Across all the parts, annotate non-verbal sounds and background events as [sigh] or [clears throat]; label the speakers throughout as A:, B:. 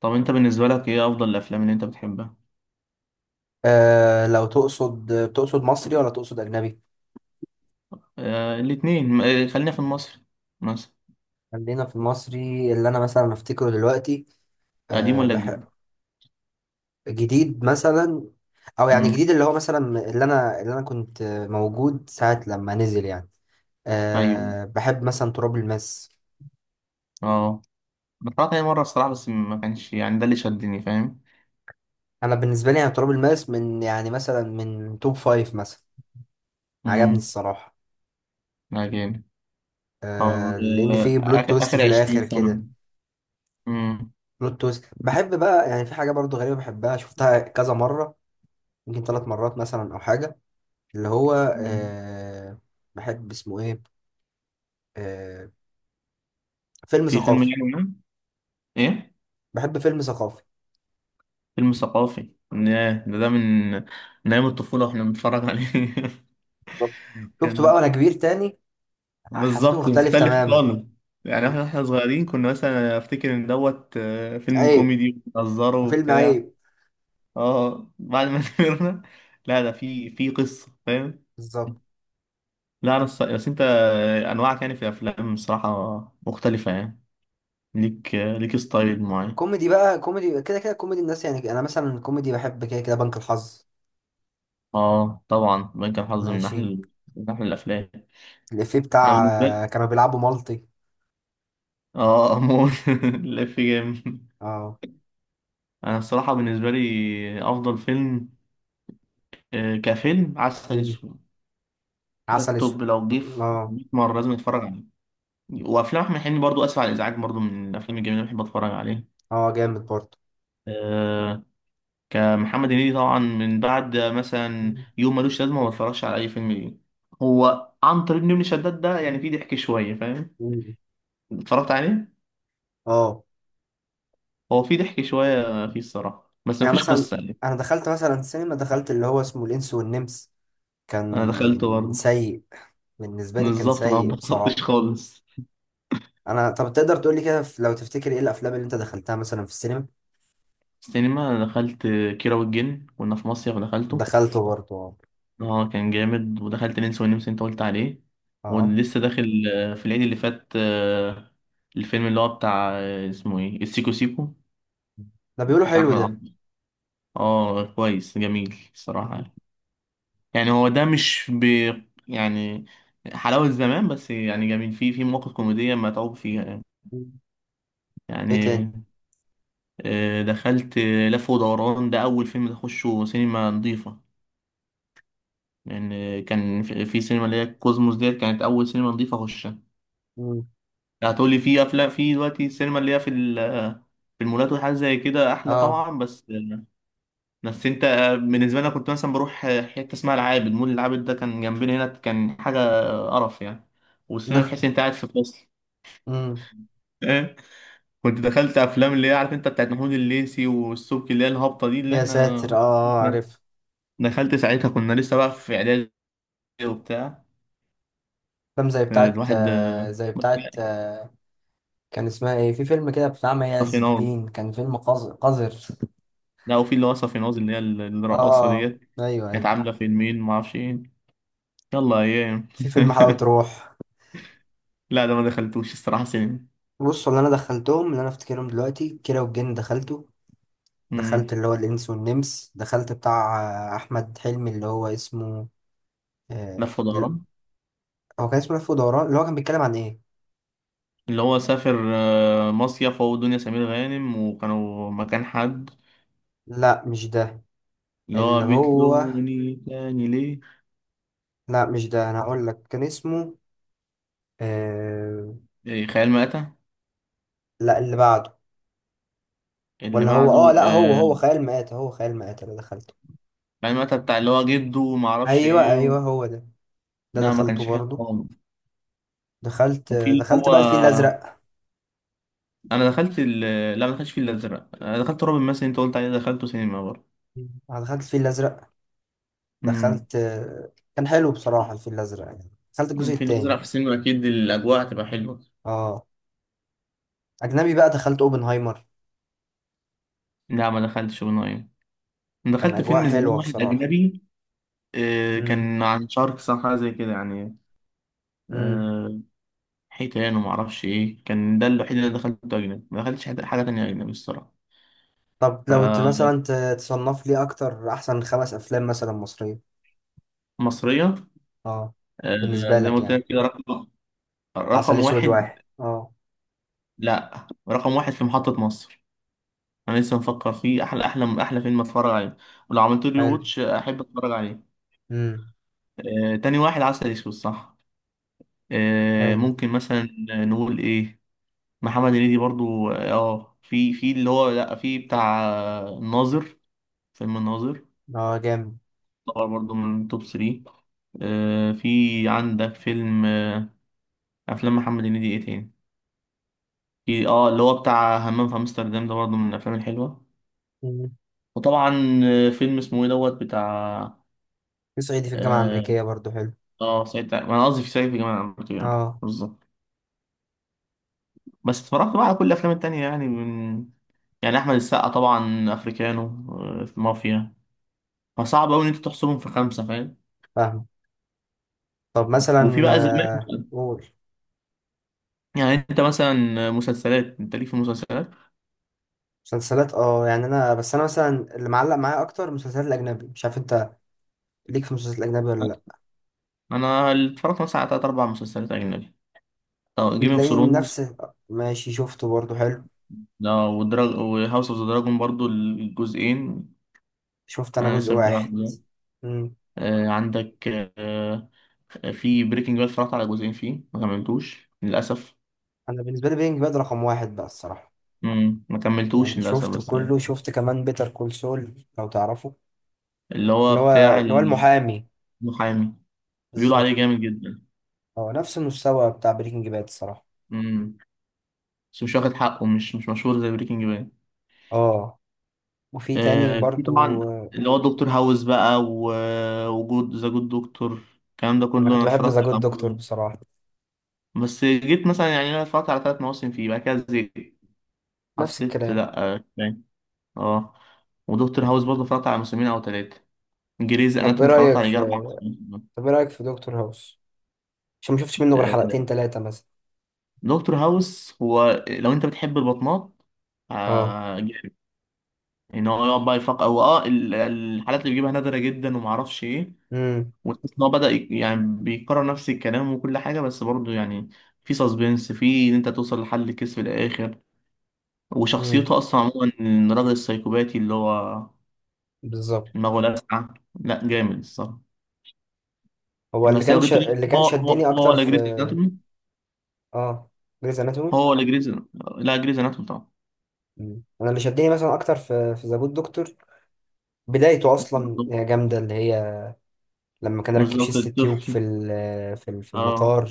A: طب انت بالنسبة لك ايه افضل الافلام اللي انت بتحبها.
B: لو تقصد مصري ولا تقصد أجنبي؟
A: الاتنين خلينا في المصري مثلا.
B: خلينا في المصري اللي أنا مثلا أفتكره دلوقتي.
A: قديم
B: آه
A: ولا
B: بح...
A: جديد؟
B: جديد مثلا، أو يعني
A: امم.
B: جديد اللي هو مثلا، اللي أنا كنت موجود ساعة لما نزل يعني.
A: ايوه،
B: بحب مثلا تراب الماس.
A: اه، أنا اتفرجت عليه مرة الصراحة، بس ما كانش يعني ده اللي شدني، فاهم.
B: أنا بالنسبة لي يعني تراب الماس من يعني مثلا من توب فايف مثلا، عجبني
A: امم.
B: الصراحة.
A: لا جامد. طب
B: لأن فيه بلوت
A: آخر،
B: تويست
A: اخر
B: في
A: 20
B: الآخر
A: سنة.
B: كده.
A: امم.
B: بلوت تويست بحب بقى، يعني في حاجة برضو غريبة بحبها، شفتها كذا مرة، يمكن 3 مرات مثلا او حاجه. اللي هو
A: أمم.
B: آه بحب اسمه ايه، آه فيلم
A: في فيلم
B: ثقافي.
A: يعني ما، ايه،
B: بحب فيلم ثقافي.
A: فيلم ثقافي ياه، ده من من ايام الطفولة واحنا بنتفرج عليه. [laughs]
B: بالظبط. شفته بقى
A: كان
B: وانا كبير تاني، حسيته
A: بالظبط
B: مختلف
A: مختلف
B: تماما.
A: خالص. يعني احنا صغيرين كنا مثلا افتكر ان دوت فيلم
B: عيب
A: كوميدي وبنهزره
B: وفيلم
A: وبتاع.
B: عيب.
A: اه بعد ما [laughs] كبرنا. لا ده في قصة، فاهم.
B: بالظبط.
A: لا انا بس انت انواعك يعني في الافلام الصراحة مختلفة يعني. ليك ليك ستايل معين.
B: كوميدي بقى، كوميدي كده كده، كوميدي الناس، يعني انا مثلا كوميدي بحب كده كده بنك الحظ.
A: اه طبعا بنك الحظ من
B: ماشي.
A: احلى، من احلى الافلام.
B: الافيه
A: انا
B: بتاع
A: بالنسبة لي
B: كانوا بيلعبوا مالتي.
A: اه امور [laughs] لا في جامد.
B: اه.
A: انا الصراحة بالنسبة لي افضل فيلم، كفيلم عسل
B: مم.
A: اسود. ده
B: عسل اسود.
A: التوب، لو جه في
B: اه،
A: 100 مرة لازم اتفرج عليه. وافلام احمد حلمي برضو، اسف على الازعاج برضو، من الافلام الجميلة اللي بحب اتفرج عليه.
B: اه، جامد برضه.
A: أه. كمحمد هنيدي طبعا، من بعد مثلا يوم ملوش لازمة ما بتفرجش على اي فيلم ليه. هو عنتر ابن شداد ده يعني فيه ضحك شوية، فاهم.
B: مم.
A: اتفرجت عليه.
B: اه.
A: هو فيه ضحك شوية فيه الصراحة، بس
B: يعني
A: مفيش
B: مثلا،
A: قصة يعني.
B: انا دخلت مثلا سينما، دخلت اللي هو اسمه الانس والنمس،
A: انا دخلته
B: كان
A: برضه.
B: سيء. بالنسبه لي كان
A: بالظبط، ما
B: سيء
A: اتبسطتش
B: بصراحه.
A: خالص.
B: انا، طب تقدر تقول لي كده، لو تفتكر ايه الافلام اللي انت دخلتها مثلا في السينما؟
A: السينما أنا دخلت كيرة والجن، كنا في مصيف دخلته.
B: دخلته برضه، اه.
A: اه كان جامد. ودخلت ننسى ونمسى انت قلت عليه.
B: اه.
A: ولسه داخل في العيد اللي فات، الفيلم اللي هو بتاع اسمه ايه، السيكو سيكو،
B: ده بيقولوا
A: بتاع
B: حلو
A: احمد
B: ده.
A: عبد. اه كويس جميل الصراحة
B: مم.
A: يعني. يعني هو ده مش ب، يعني حلاوة زمان بس يعني جميل، فيه في مواقف كوميدية متعوب فيها يعني.
B: مم. ايه
A: يعني
B: تاني؟
A: دخلت لف ودوران، ده أول فيلم أخشه سينما نظيفة. لأن يعني كان في سينما اللي هي كوزموس ديت كانت أول سينما نظيفة أخشها.
B: مم.
A: هتقولي في افلام في دلوقتي السينما اللي هي في المولات وحاجات زي كده، احلى
B: اه.
A: طبعا. بس انت، بالنسبه لي أنا كنت مثلا بروح حته اسمها العابد مول. العابد ده كان جنبنا هنا، كان حاجه قرف يعني.
B: [laughs]
A: والسينما
B: نه.
A: تحس إن انت قاعد في فصل.
B: مم.
A: [laughs] إيه؟ كنت دخلت افلام اللي هي عارف انت، بتاعت محمود الليثي والسبكي اللي هي الهابطه دي اللي
B: يا ساتر،
A: احنا [laughs]
B: عارف.
A: دخلت ساعتها، كنا لسه بقى في اعدادي وبتاع.
B: فيلم زي بتاعت
A: الواحد
B: آه، زي
A: بس
B: بتاعت
A: يعني
B: آه، كان اسمها ايه؟ في فيلم كده بتاع مي
A: ما في
B: عز
A: نار.
B: الدين، كان فيلم قذر قذر.
A: لا وفي اللي هو صافي اللي هي الرقاصة
B: اه،
A: ديت،
B: ايوه،
A: كانت
B: ايوه.
A: عاملة فيلمين معرفش ايه. يلا ايام.
B: في فيلم حلاوة
A: [laughs]
B: روح.
A: لا ده ما دخلتوش الصراحة سينما.
B: بص، اللي انا دخلتهم اللي انا افتكرهم دلوقتي: كيرة والجن دخلته، دخلت
A: امم.
B: اللي هو الانس والنمس، دخلت بتاع احمد حلمي اللي هو اسمه
A: لف
B: لا،
A: ودوران،
B: هو كان اسمه لف ودوران. اللي هو كان بيتكلم عن ايه؟
A: اللي هو سافر مصيف، هو ودنيا سمير غانم، وكانوا مكان حد.
B: لا مش ده.
A: اللي هو
B: اللي هو
A: بتلوموني تاني ليه.
B: لا مش ده، انا هقول لك كان اسمه آه،
A: إيه، خيال مآتة.
B: لا، اللي بعده.
A: اللي
B: ولا هو،
A: بعده
B: لا، هو هو خيال مآتة، هو خيال مآتة اللي دخلته.
A: خيال مآتة بتاع اللي هو جده وما اعرفش
B: ايوه
A: ايه و...
B: ايوه، هو ده. ده
A: لا ما
B: دخلته
A: كانش حلو
B: برضه.
A: خالص.
B: دخلت
A: وفي
B: آه،
A: اللي
B: دخلت
A: هو
B: بقى الفيل الازرق.
A: انا دخلت ال... لا ما دخلتش في الازرق، انا دخلت رعب مثلا انت قلت عليه، دخلته سينما برضه.
B: أنا دخلت الفيل الازرق،
A: امم.
B: دخلت. كان حلو بصراحة الفيل الأزرق، يعني دخلت الجزء
A: الفيل الأزرق
B: التاني.
A: في السينما، أكيد الأجواء هتبقى حلوة.
B: اه. أجنبي بقى، دخلت أوبنهايمر.
A: لا ما دخلتش ونايم. انا
B: كان
A: دخلت
B: أجواء
A: فيلم زمان
B: حلوة
A: واحد
B: بصراحة.
A: أجنبي. آه
B: امم،
A: كان عن شاركس أو حاجة زي كده يعني.
B: امم.
A: آه حيتان وما أعرفش إيه. كان ده الوحيد اللي دخلته أجنبي، ما دخلتش حاجة تانية أجنبي الصراحة.
B: طب لو مثلا
A: فمصرية،
B: تصنف لي أكتر أحسن 5 أفلام مثلا مصرية؟ اه.
A: آه
B: بالنسبة
A: زي ما
B: لك
A: قلت
B: يعني.
A: لك كده، رقم،
B: عسل
A: رقم
B: أسود واحد،
A: واحد.
B: اه.
A: لا رقم واحد في محطة مصر. أنا لسه مفكر فيه، أحلى أحلى أحلى فيلم أتفرج عليه، ولو عملت لي
B: حلو.
A: واتش أحب أتفرج عليه.
B: امم.
A: آه تاني واحد عسل أسود صح.
B: حلو.
A: ممكن مثلا نقول ايه، محمد هنيدي برضو. اه في اللي هو، لا في بتاع الناظر، فيلم الناظر
B: اه، جامد.
A: طبعا، برضو من توب 3. في عندك فيلم افلام محمد هنيدي ايه تاني. في اه اللي هو بتاع همام في امستردام، ده برضو من الافلام الحلوه.
B: مم.
A: وطبعا فيلم اسمه ايه دوت بتاع.
B: في صعيدي في الجامعة
A: اه
B: الأمريكية برضو حلو.
A: سعيد انا قصدي في سعيد في جمال عبد العاطف يعني.
B: اه.
A: بالظبط. بس اتفرجت بقى على كل الافلام التانية يعني، من، يعني احمد السقا طبعا افريكانو، في مافيا. فصعب قوي ان انت تحصرهم في خمسه، فاهم.
B: فاهم. طب
A: وفي
B: مثلا،
A: بقى زمان،
B: قول.
A: يعني انت مثلا مسلسلات، انت ليك في المسلسلات؟
B: مسلسلات؟ اه، يعني انا، بس انا مثلا، اللي معلق معايا اكتر المسلسلات الاجنبي، مش عارف انت ليك في المسلسلات الاجنبي ولا لا.
A: انا اللي اتفرجت مثلا على تلات اربع مسلسلات اجنبي. طب جيم اوف
B: تلاقيني
A: ثرونز
B: نفس. ماشي، شفته برضه، حلو.
A: ده، ودراج، وهاوس اوف ذا دراجون برضو الجزئين.
B: شفت انا
A: انا
B: جزء
A: لسه متابع
B: واحد.
A: الجزئين.
B: امم.
A: آه عندك، آه في بريكنج باد، اتفرجت على جزئين فيه، ما كملتوش للاسف.
B: انا بالنسبه لي بينج باد رقم واحد بقى الصراحه.
A: ما كملتوش
B: يعني
A: للاسف
B: شفت
A: بس يعني.
B: كله، شفت كمان بيتر كول سول، لو تعرفه،
A: اللي هو
B: اللي هو
A: بتاع
B: اللي هو المحامي.
A: المحامي، بيقولوا
B: بالظبط.
A: عليه جامد جدا.
B: هو نفس المستوى بتاع بريكنج باد الصراحه.
A: امم. بس مش واخد حقه، مش مشهور زي بريكنج باد.
B: اه. وفي تاني
A: آه في
B: برضو
A: طبعا
B: آه،
A: اللي هو دكتور هاوس بقى وجود ذا جود دكتور. الكلام ده
B: انا
A: كله
B: كنت
A: انا
B: بحب ذا
A: اتفرجت
B: جود
A: على
B: دكتور
A: معظمه.
B: بصراحه.
A: بس جيت مثلا يعني انا اتفرجت على ثلاث مواسم فيه، بعد كده زهقت.
B: نفس
A: حسيت
B: الكلام.
A: لا كفاية. اه. ودكتور هاوس برضه اتفرجت على موسمين او ثلاثه. جريز
B: طب ايه
A: اناتومي اتفرجت
B: رايك
A: على يجي
B: في
A: اربع مواسم.
B: طب ايه رايك في دكتور هاوس؟ عشان ما شفتش منه غير
A: آه،
B: حلقتين ثلاثة مثلا.
A: دكتور هاوس، هو لو انت بتحب البطنات
B: اه.
A: آه جامد. ان هو يقعد بقى يفكر هو، اه الحالات اللي بيجيبها نادره جدا ومعرفش ايه،
B: امم،
A: وتحس ان هو بدأ يعني بيكرر نفس الكلام وكل حاجة، بس برضه يعني في سسبنس في ان انت توصل لحل الكيس في الاخر.
B: امم.
A: وشخصيته اصلا عموما، إن الراجل السايكوباتي اللي هو
B: بالظبط.
A: دماغه لاسعة. لا جامد الصراحة.
B: هو
A: بس لو جبت لي
B: اللي كان
A: هو
B: شدني
A: هو
B: اكتر
A: ولا
B: في،
A: جريز اناتومي،
B: اه، جريز اناتومي.
A: هو ولا جريز، لا جريز اناتومي طبعا.
B: انا اللي شدني مثلا اكتر في ذا جود دكتور بدايته اصلا جامدة، اللي هي لما كان راكب
A: بالظبط
B: شيست تيوب
A: الطفل.
B: في
A: اه.
B: المطار.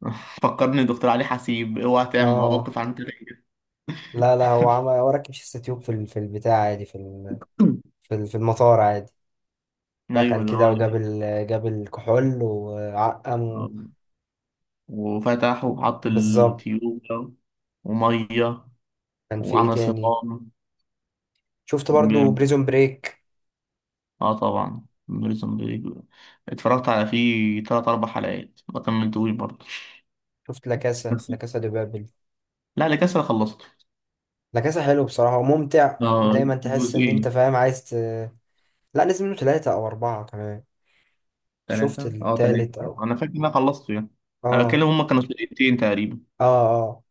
A: [laughs] فكرني دكتور علي حسيب، اوعى تعمل
B: اه.
A: مواقف عن كده. [clears throat]
B: لا لا، هو راكب شيست تيوب في البتاع عادي، في المطار عادي.
A: ايوه
B: دخل
A: اللي
B: كده
A: هو.
B: وجاب جاب الكحول وعقم.
A: آه. وفتح وحط
B: بالظبط.
A: التيوب ده، ومية،
B: كان في ايه
A: وعمل
B: تاني؟
A: صمام.
B: شفت
A: كان
B: برضو
A: جامد.
B: بريزون بريك.
A: اه طبعا بريزون بريك اتفرجت على فيه تلات أربع حلقات، ما كملتوش برضه.
B: شفت لا كاسا
A: بس،
B: لا كاسا دي بابل.
A: لا اللي كسر خلصته.
B: لا كاسا حلو بصراحة وممتع،
A: اه
B: ودايما تحس ان
A: جزئين.
B: انت فاهم، عايز. لا، نزل منه ثلاثة او اربعة كمان. شفت
A: تلاتة اه تلاتة.
B: التالت او،
A: أنا فاكر إن أنا خلصته يعني. أنا بتكلم
B: اه
A: هما كانوا سنتين تقريبا.
B: اه اه.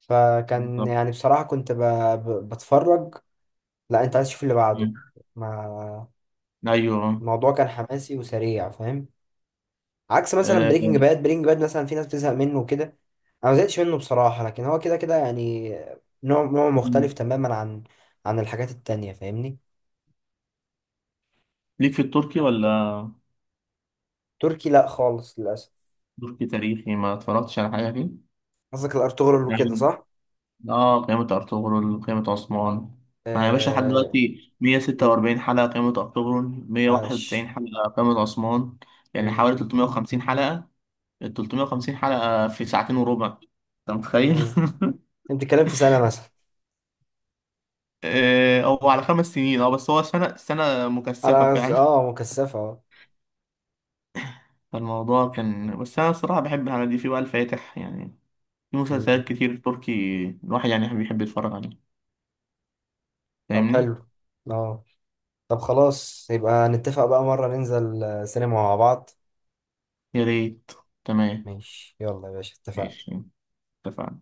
B: فكان
A: بالظبط.
B: يعني بصراحة كنت بتفرج. لا، انت عايز تشوف اللي بعده،
A: مم.
B: ما.
A: أيوه.
B: الموضوع كان حماسي وسريع فاهم. عكس مثلا
A: آه.
B: بريكنج باد. بريكنج باد مثلا في ناس بتزهق منه وكده. انا ما زهقتش منه بصراحه، لكن هو كده كده يعني نوع
A: مم.
B: مختلف تماما عن الحاجات التانية فاهمني.
A: ليك في التركي ولا؟
B: تركي لا خالص للاسف.
A: تركي تاريخي ما اتفرجتش على حاجة فيه؟
B: قصدك الارطغرل وكده، صح؟
A: اه قيامة ارطغرل، قيامة عثمان. انا يا باشا لحد
B: آه...
A: دلوقتي
B: مم.
A: 146 حلقة قيامة ارطغرل، 191
B: عاش.
A: حلقة قيامة عثمان. يعني
B: مم.
A: حوالي 350 حلقة. ال 350 حلقة في ساعتين وربع، انت متخيل؟ [laughs]
B: مم. انت بتتكلم في سنه مثلا.
A: هو على خمس سنين، اه بس هو سنة مكثفة
B: على
A: فعلا.
B: مكثفه، اه.
A: [laughs] فالموضوع كان، بس أنا الصراحة بحب الحاجات دي، في بقى الفاتح يعني، في
B: مم.
A: مسلسلات كتير تركي الواحد يعني بيحب يتفرج عليها،
B: طب
A: فاهمني؟
B: حلو. اه. طب خلاص يبقى نتفق بقى مره ننزل سينما مع بعض.
A: يا ريت. تمام.
B: ماشي، يلا يا باشا، اتفقنا.
A: ماشي اتفقنا.